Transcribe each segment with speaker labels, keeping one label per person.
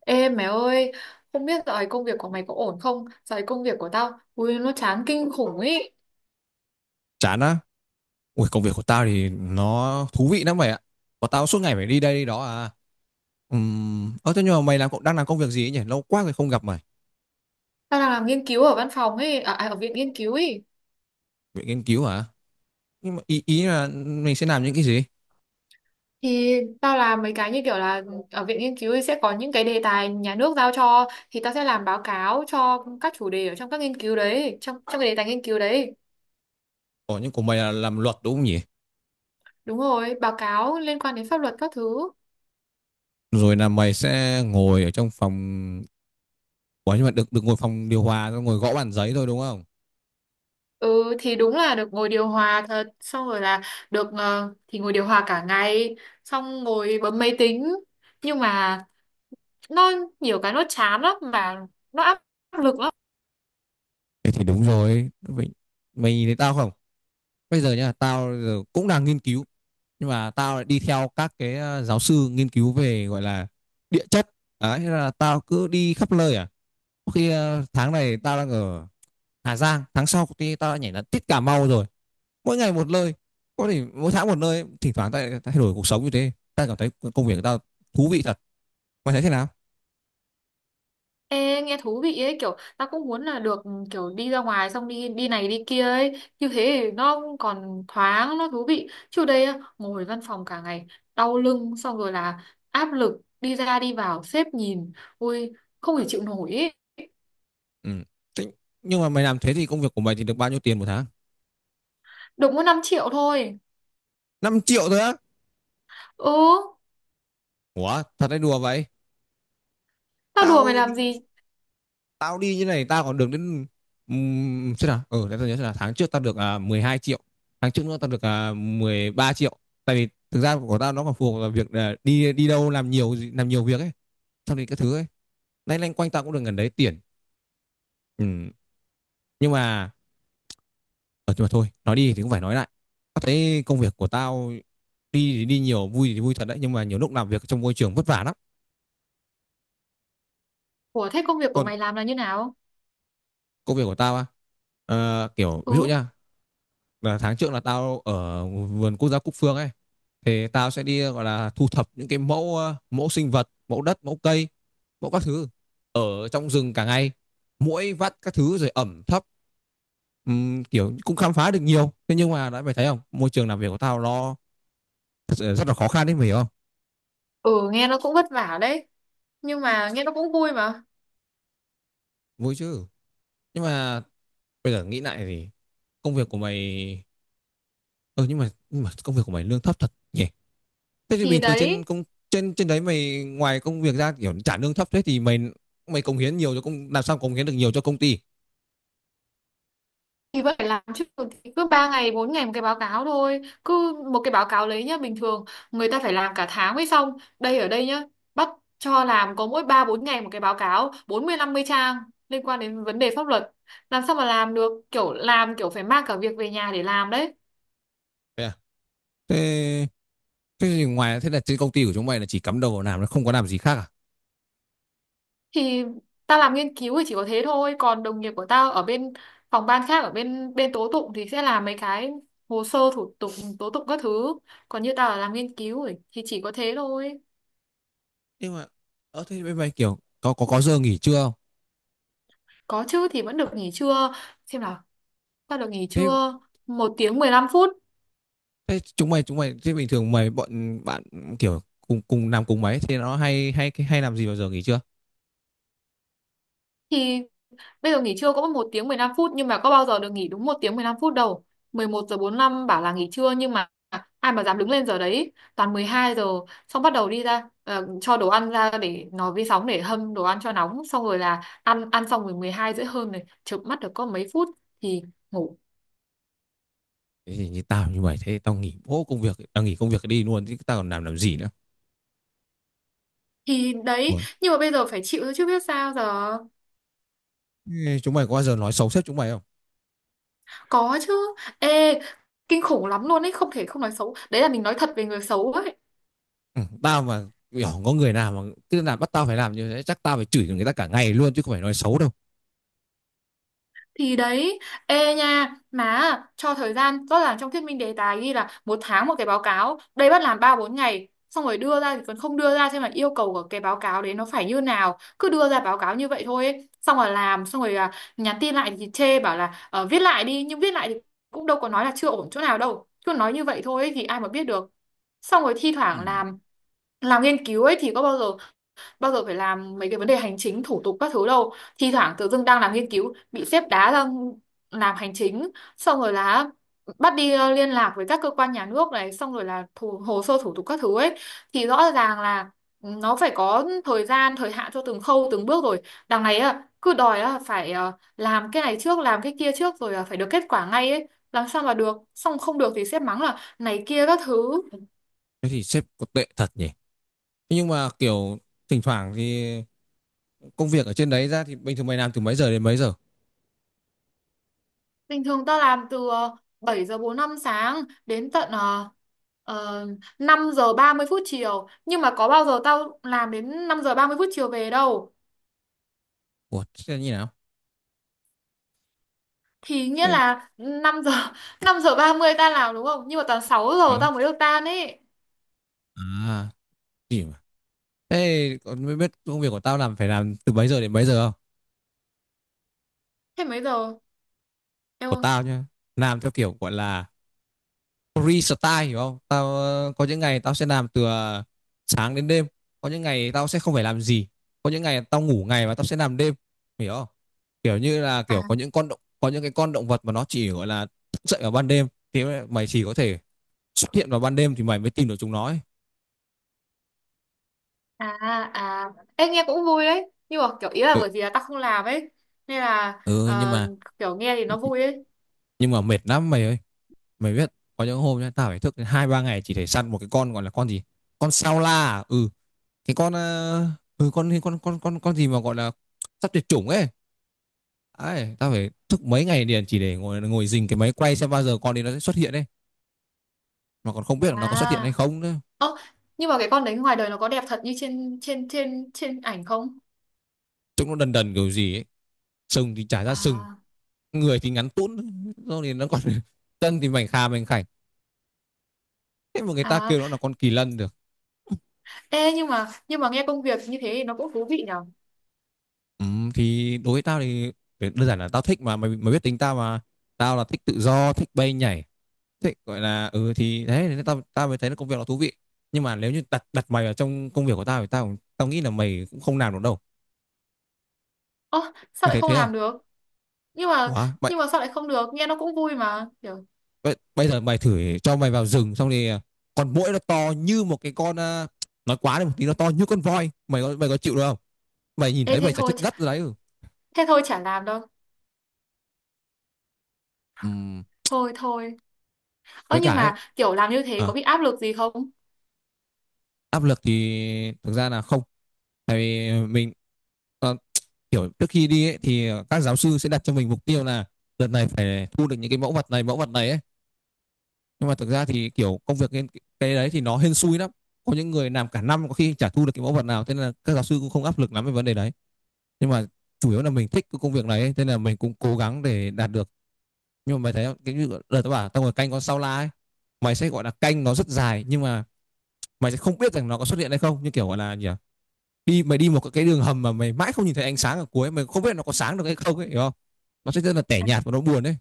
Speaker 1: Ê mẹ ơi, không biết dạo này công việc của mày có ổn không? Dạo này công việc của tao, ui nó chán kinh khủng ý.
Speaker 2: Chán á? Ui, công việc của tao thì nó thú vị lắm mày ạ. Của tao suốt ngày phải đi đây đi đó à. Ơ thế nhưng mà mày đang làm công việc gì ấy nhỉ, lâu quá rồi không gặp mày.
Speaker 1: Tao đang làm nghiên cứu ở văn phòng ấy, ở viện nghiên cứu ấy.
Speaker 2: Viện nghiên cứu hả? Nhưng mà ý ý là mình sẽ làm những cái gì?
Speaker 1: Thì tao làm mấy cái như kiểu là ở viện nghiên cứu ấy sẽ có những cái đề tài nhà nước giao cho, thì tao sẽ làm báo cáo cho các chủ đề ở trong các nghiên cứu đấy, trong trong cái đề tài nghiên cứu đấy.
Speaker 2: Ủa, nhưng của mày là làm luật đúng không nhỉ?
Speaker 1: Đúng rồi, báo cáo liên quan đến pháp luật các thứ.
Speaker 2: Rồi là mày sẽ ngồi ở trong phòng. Ủa, nhưng mà được được ngồi phòng điều hòa, ngồi gõ bàn giấy thôi đúng không?
Speaker 1: Ừ thì đúng là được ngồi điều hòa thật, xong rồi là được, thì ngồi điều hòa cả ngày, xong ngồi bấm máy tính, nhưng mà nó nhiều cái nó chán lắm mà, nó áp lực lắm.
Speaker 2: Thế thì đúng rồi mày. Mày nhìn thấy tao không? Bây giờ nha, tao giờ cũng đang nghiên cứu, nhưng mà tao lại đi theo các cái giáo sư nghiên cứu về, gọi là, địa chất. Đấy, thế là tao cứ đi khắp nơi à. Có khi tháng này tao đang ở Hà Giang, tháng sau thì tao đã nhảy đến tít Cà Mau rồi. Mỗi ngày một nơi, có thể mỗi tháng một nơi, thỉnh thoảng tao thay đổi cuộc sống như thế, tao cảm thấy công việc của tao thú vị thật. Mày thấy thế nào?
Speaker 1: Ê, nghe thú vị ấy, kiểu ta cũng muốn là được kiểu đi ra ngoài xong đi đi này đi kia ấy, như thế thì nó còn thoáng nó thú vị, chứ đây á, ngồi văn phòng cả ngày đau lưng, xong rồi là áp lực, đi ra đi vào sếp nhìn, ui không thể chịu nổi ấy.
Speaker 2: Ừ. Thế, nhưng mà mày làm thế thì công việc của mày thì được bao nhiêu tiền một tháng?
Speaker 1: Được mỗi 5 triệu thôi.
Speaker 2: 5 triệu thôi á?
Speaker 1: Ừ,
Speaker 2: Ủa, thật hay đùa vậy?
Speaker 1: tao đùa mày
Speaker 2: tao đi
Speaker 1: làm gì.
Speaker 2: Tao đi như này tao còn được đến, xem nào, ừ, để tao nhớ xem nào, tháng trước tao được 12 triệu, tháng trước nữa tao được 13 triệu. Tại vì thực ra của tao nó còn phù hợp vào việc, đi đi đâu, làm nhiều việc ấy, xong thì các thứ ấy. Nay lanh quanh tao cũng được gần đấy tiền. Ừ. Nhưng mà, ở, nhưng mà thôi, nói đi thì cũng phải nói lại, tao thấy công việc của tao đi thì đi nhiều, vui thì vui thật đấy, nhưng mà nhiều lúc làm việc trong môi trường vất vả lắm.
Speaker 1: Ủa thế công việc của
Speaker 2: Còn
Speaker 1: mày làm là như nào?
Speaker 2: công việc của tao á, kiểu ví dụ
Speaker 1: Ừ,
Speaker 2: nhá. Và tháng trước là tao ở vườn quốc gia Cúc Phương ấy, thì tao sẽ đi, gọi là, thu thập những cái mẫu, mẫu sinh vật, mẫu đất, mẫu cây, mẫu các thứ ở trong rừng cả ngày, muỗi vắt các thứ rồi ẩm thấp. Kiểu cũng khám phá được nhiều. Thế nhưng mà đã, mày thấy không, môi trường làm việc của tao nó thật sự rất là khó khăn đấy, mày hiểu không?
Speaker 1: ừ, nghe nó cũng vất vả đấy, nhưng mà nghe nó cũng vui mà.
Speaker 2: Vui chứ. Nhưng mà bây giờ nghĩ lại thì công việc của mày, ừ, nhưng mà công việc của mày lương thấp thật nhỉ? Thế thì
Speaker 1: Thì
Speaker 2: bình thường trên
Speaker 1: đấy,
Speaker 2: công, trên trên đấy mày, ngoài công việc ra, kiểu trả lương thấp thế thì mày, mày cống hiến nhiều cho công làm sao cống hiến được nhiều cho công ty?
Speaker 1: thì vẫn phải làm chứ. Thì cứ 3 ngày 4 ngày một cái báo cáo thôi, cứ một cái báo cáo lấy nhá, bình thường người ta phải làm cả tháng mới xong, đây ở đây nhá, bắt cho làm có mỗi 3 4 ngày một cái báo cáo bốn mươi năm mươi trang liên quan đến vấn đề pháp luật, làm sao mà làm được, kiểu làm kiểu phải mang cả việc về nhà để làm đấy.
Speaker 2: Thế, à? Thế thế thì ngoài, thế là trên công ty của chúng mày là chỉ cắm đầu vào làm, nó không có làm gì khác à?
Speaker 1: Thì tao làm nghiên cứu thì chỉ có thế thôi, còn đồng nghiệp của tao ở bên phòng ban khác, ở bên bên tố tụng, thì sẽ làm mấy cái hồ sơ thủ tục tố tụng các thứ, còn như tao là làm nghiên cứu ấy, thì chỉ có thế thôi.
Speaker 2: Nhưng mà, ở, thế bên mày kiểu có giờ nghỉ trưa không?
Speaker 1: Có chứ, thì vẫn được nghỉ trưa. Xem nào, ta được nghỉ
Speaker 2: Thế,
Speaker 1: trưa một tiếng 15 phút.
Speaker 2: thế chúng mày thế bình thường mày bọn bạn kiểu cùng cùng làm cùng mấy thì nó hay hay hay làm gì vào giờ nghỉ trưa?
Speaker 1: Thì bây giờ nghỉ trưa cũng một tiếng 15 phút, nhưng mà có bao giờ được nghỉ đúng một tiếng 15 phút đâu. Mười một giờ bốn lăm bảo là nghỉ trưa, nhưng mà ai mà dám đứng lên giờ đấy, toàn 12 giờ. Xong bắt đầu đi ra, cho đồ ăn ra để nó vi sóng để hâm đồ ăn cho nóng, xong rồi là ăn, ăn xong rồi 12 rưỡi hơn này, chợp mắt được có mấy phút thì ngủ.
Speaker 2: Thế thì như tao như mày, thế tao nghỉ bố công việc, tao nghỉ công việc đi luôn chứ tao còn làm gì nữa.
Speaker 1: Thì đấy,
Speaker 2: Ủa?
Speaker 1: nhưng mà bây giờ phải chịu thôi chứ biết sao giờ.
Speaker 2: Chúng mày có bao giờ nói xấu sếp chúng mày không?
Speaker 1: Có chứ, ê, kinh khủng lắm luôn ấy, không thể không nói xấu, đấy là mình nói thật về người xấu ấy.
Speaker 2: Ừ, tao mà kiểu có người nào mà cứ là bắt tao phải làm như thế, chắc tao phải chửi người ta cả ngày luôn chứ không phải nói xấu đâu.
Speaker 1: Thì đấy, ê nha, má cho thời gian rõ ràng trong thuyết minh đề tài ghi là một tháng một cái báo cáo, đây bắt làm ba bốn ngày, xong rồi đưa ra thì còn không đưa ra xem là yêu cầu của cái báo cáo đấy nó phải như nào, cứ đưa ra báo cáo như vậy thôi ấy. Xong rồi làm, xong rồi nhắn tin lại thì chê bảo là, viết lại đi, nhưng viết lại thì cũng đâu có nói là chưa ổn chỗ nào đâu, cứ nói như vậy thôi ấy, thì ai mà biết được. Xong rồi thi
Speaker 2: Ừ.
Speaker 1: thoảng làm nghiên cứu ấy thì có bao giờ phải làm mấy cái vấn đề hành chính thủ tục các thứ đâu, thi thoảng tự dưng đang làm nghiên cứu bị sếp đá ra làm hành chính, xong rồi là bắt đi, liên lạc với các cơ quan nhà nước này, xong rồi là hồ sơ thủ tục các thứ ấy. Thì rõ ràng là nó phải có thời gian thời hạn cho từng khâu từng bước rồi, đằng này á, cứ đòi á, phải, làm cái này trước làm cái kia trước rồi là phải được kết quả ngay ấy, làm sao mà được, xong không được thì sếp mắng là này kia các thứ.
Speaker 2: Thế thì sếp có tệ thật nhỉ. Thế nhưng mà kiểu thỉnh thoảng thì công việc ở trên đấy ra thì bình thường mày làm từ mấy giờ đến mấy giờ?
Speaker 1: Bình thường tao làm từ 7 giờ 45 sáng đến tận ờ, 5 giờ 30 phút chiều. Nhưng mà có bao giờ tao làm đến 5 giờ 30 phút chiều về đâu.
Speaker 2: Ủa, thế là như nào?
Speaker 1: Thì nghĩa
Speaker 2: Thế...
Speaker 1: là 5 giờ 5 giờ 30 tao làm, đúng không? Nhưng mà toàn 6 giờ
Speaker 2: Ừ.
Speaker 1: tao mới được tan ấy.
Speaker 2: À, gì mà, thế còn mới biết công việc của tao làm phải làm từ mấy giờ đến mấy giờ không?
Speaker 1: Thế mấy giờ? Em
Speaker 2: Của
Speaker 1: ơi.
Speaker 2: tao nhá, làm theo kiểu, gọi là, restyle, hiểu không? Tao có những ngày tao sẽ làm từ sáng đến đêm, có những ngày tao sẽ không phải làm gì, có những ngày tao ngủ ngày và tao sẽ làm đêm, hiểu không? Kiểu như là kiểu
Speaker 1: À,
Speaker 2: có những con động có những cái con động vật mà nó chỉ, gọi là, thức dậy vào ban đêm, thì mày chỉ có thể xuất hiện vào ban đêm thì mày mới tìm được chúng nó ấy.
Speaker 1: à, à. Ê nghe cũng vui đấy. Nhưng mà kiểu ý là
Speaker 2: Ừ,
Speaker 1: bởi vì là tao không làm ấy, nên là,
Speaker 2: ừ, nhưng mà
Speaker 1: kiểu nghe thì nó vui ấy.
Speaker 2: mệt lắm mày ơi. Mày biết có những hôm nhá tao phải thức đến 2 3 ngày chỉ để săn một cái con, gọi là con gì, con sao la à? Ừ, cái con ừ, con con gì mà gọi là sắp tuyệt chủng ấy. Ấy, tao phải thức mấy ngày liền chỉ để ngồi ngồi rình cái máy quay xem bao giờ con đi nó sẽ xuất hiện ấy. Mà còn không biết là nó có xuất hiện hay
Speaker 1: À.
Speaker 2: không nữa.
Speaker 1: Ơ, nhưng mà cái con đấy ngoài đời nó có đẹp thật như trên trên trên trên ảnh không?
Speaker 2: Trông nó đần đần kiểu gì ấy. Sừng thì chả ra sừng,
Speaker 1: À,
Speaker 2: người thì ngắn tún, rồi thì nó còn chân thì mảnh khà mảnh khảnh. Thế mà người ta
Speaker 1: à,
Speaker 2: kêu nó là con kỳ lân được.
Speaker 1: ê, nhưng mà nghe công việc như thế thì nó cũng thú vị nhở.
Speaker 2: Ừ, thì đối với tao thì đơn giản là tao thích mà mày, mày biết tính tao mà. Tao là thích tự do, thích bay nhảy. Thích, gọi là, ừ thì đấy nên tao tao mới thấy nó, công việc nó thú vị. Nhưng mà nếu như đặt đặt mày vào trong công việc của tao thì tao, nghĩ là mày cũng không làm được đâu.
Speaker 1: Ơ, sao
Speaker 2: Mày
Speaker 1: lại
Speaker 2: thấy
Speaker 1: không
Speaker 2: thế không?
Speaker 1: làm được? Nhưng mà
Speaker 2: Ủa, mày,
Speaker 1: nhưng mà sao lại không được? Nghe nó cũng vui mà. Kiểu,
Speaker 2: bây giờ mày thử cho mày vào rừng xong thì, con muỗi nó to như một cái con, nói quá đi một tí nó to như con voi, mày có chịu được không? Mày nhìn
Speaker 1: ê,
Speaker 2: thấy mày chả chết ngất rồi đấy. Ừ.
Speaker 1: thế thôi chả làm đâu.
Speaker 2: Ừm,
Speaker 1: Thôi thôi. Ơ
Speaker 2: với
Speaker 1: nhưng
Speaker 2: cả ấy,
Speaker 1: mà kiểu làm như thế
Speaker 2: à,
Speaker 1: có bị áp lực gì không?
Speaker 2: áp lực thì thực ra là không, tại vì mình, ờ, kiểu trước khi đi ấy, thì các giáo sư sẽ đặt cho mình mục tiêu là đợt này phải thu được những cái mẫu vật này ấy, nhưng mà thực ra thì kiểu công việc cái đấy thì nó hên xui lắm. Có những người làm cả năm có khi chả thu được cái mẫu vật nào, thế nên là các giáo sư cũng không áp lực lắm về vấn đề đấy. Nhưng mà chủ yếu là mình thích cái công việc này ấy, thế là mình cũng cố gắng để đạt được. Nhưng mà mày thấy, cái như đợt tao bảo tao ngồi canh con sao la ấy, mày sẽ, gọi là, canh nó rất dài, nhưng mà mày sẽ không biết rằng nó có xuất hiện hay không, như kiểu, gọi là gì à, đi mày, đi một cái đường hầm mà mày mãi không nhìn thấy ánh sáng ở cuối, mày không biết nó có sáng được hay không ấy, hiểu không? Nó sẽ rất là tẻ
Speaker 1: À,
Speaker 2: nhạt và nó buồn đấy.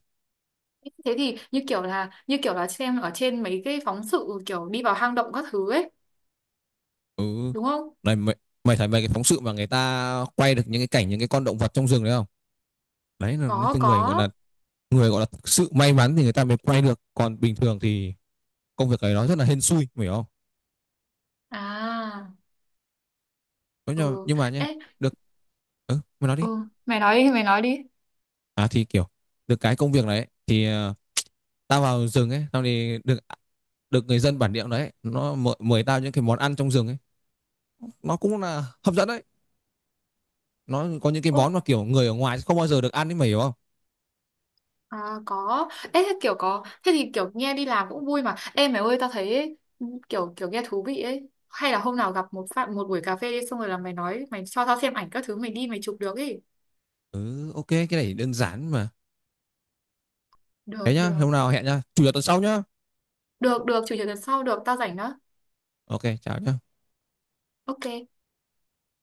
Speaker 1: thế thì như kiểu là xem ở trên mấy cái phóng sự kiểu đi vào hang động các thứ ấy,
Speaker 2: Ừ,
Speaker 1: đúng không?
Speaker 2: này mày, mày thấy mấy cái phóng sự mà người ta quay được những cái cảnh những cái con động vật trong rừng đấy không? Đấy là những
Speaker 1: Có
Speaker 2: cái
Speaker 1: có.
Speaker 2: người, gọi là, thực sự may mắn thì người ta mới quay được, còn bình thường thì công việc ấy nó rất là hên xui, mày hiểu không?
Speaker 1: À,
Speaker 2: Đúng rồi,
Speaker 1: ừ.
Speaker 2: nhưng mà nhé,
Speaker 1: Ê,
Speaker 2: được, ừ, mày nói đi.
Speaker 1: ừ, mày nói đi mày nói đi.
Speaker 2: À thì kiểu, được cái công việc đấy ấy, thì tao vào rừng ấy, tao thì được được người dân bản địa đấy, nó mời, mời tao những cái món ăn trong rừng ấy. Nó cũng là hấp dẫn đấy. Nó có những cái
Speaker 1: Ồ,
Speaker 2: món mà kiểu người ở ngoài không bao giờ được ăn ấy, mày hiểu không?
Speaker 1: à, có. Ê, thế kiểu có, thế thì kiểu nghe đi làm cũng vui mà. Ê mày ơi, tao thấy ấy, kiểu kiểu nghe thú vị ấy. Hay là hôm nào gặp một phạm một buổi cà phê đi, xong rồi là mày nói, mày cho tao xem ảnh các thứ mày đi mày chụp được ấy.
Speaker 2: Ừ, ok, cái này đơn giản mà. Thế
Speaker 1: Được
Speaker 2: nhá,
Speaker 1: được.
Speaker 2: hôm nào hẹn nhá, chủ nhật tuần sau nhá.
Speaker 1: Được được, chủ nhật tuần sau, được, tao rảnh đó.
Speaker 2: Ok, chào nhá.
Speaker 1: Ok.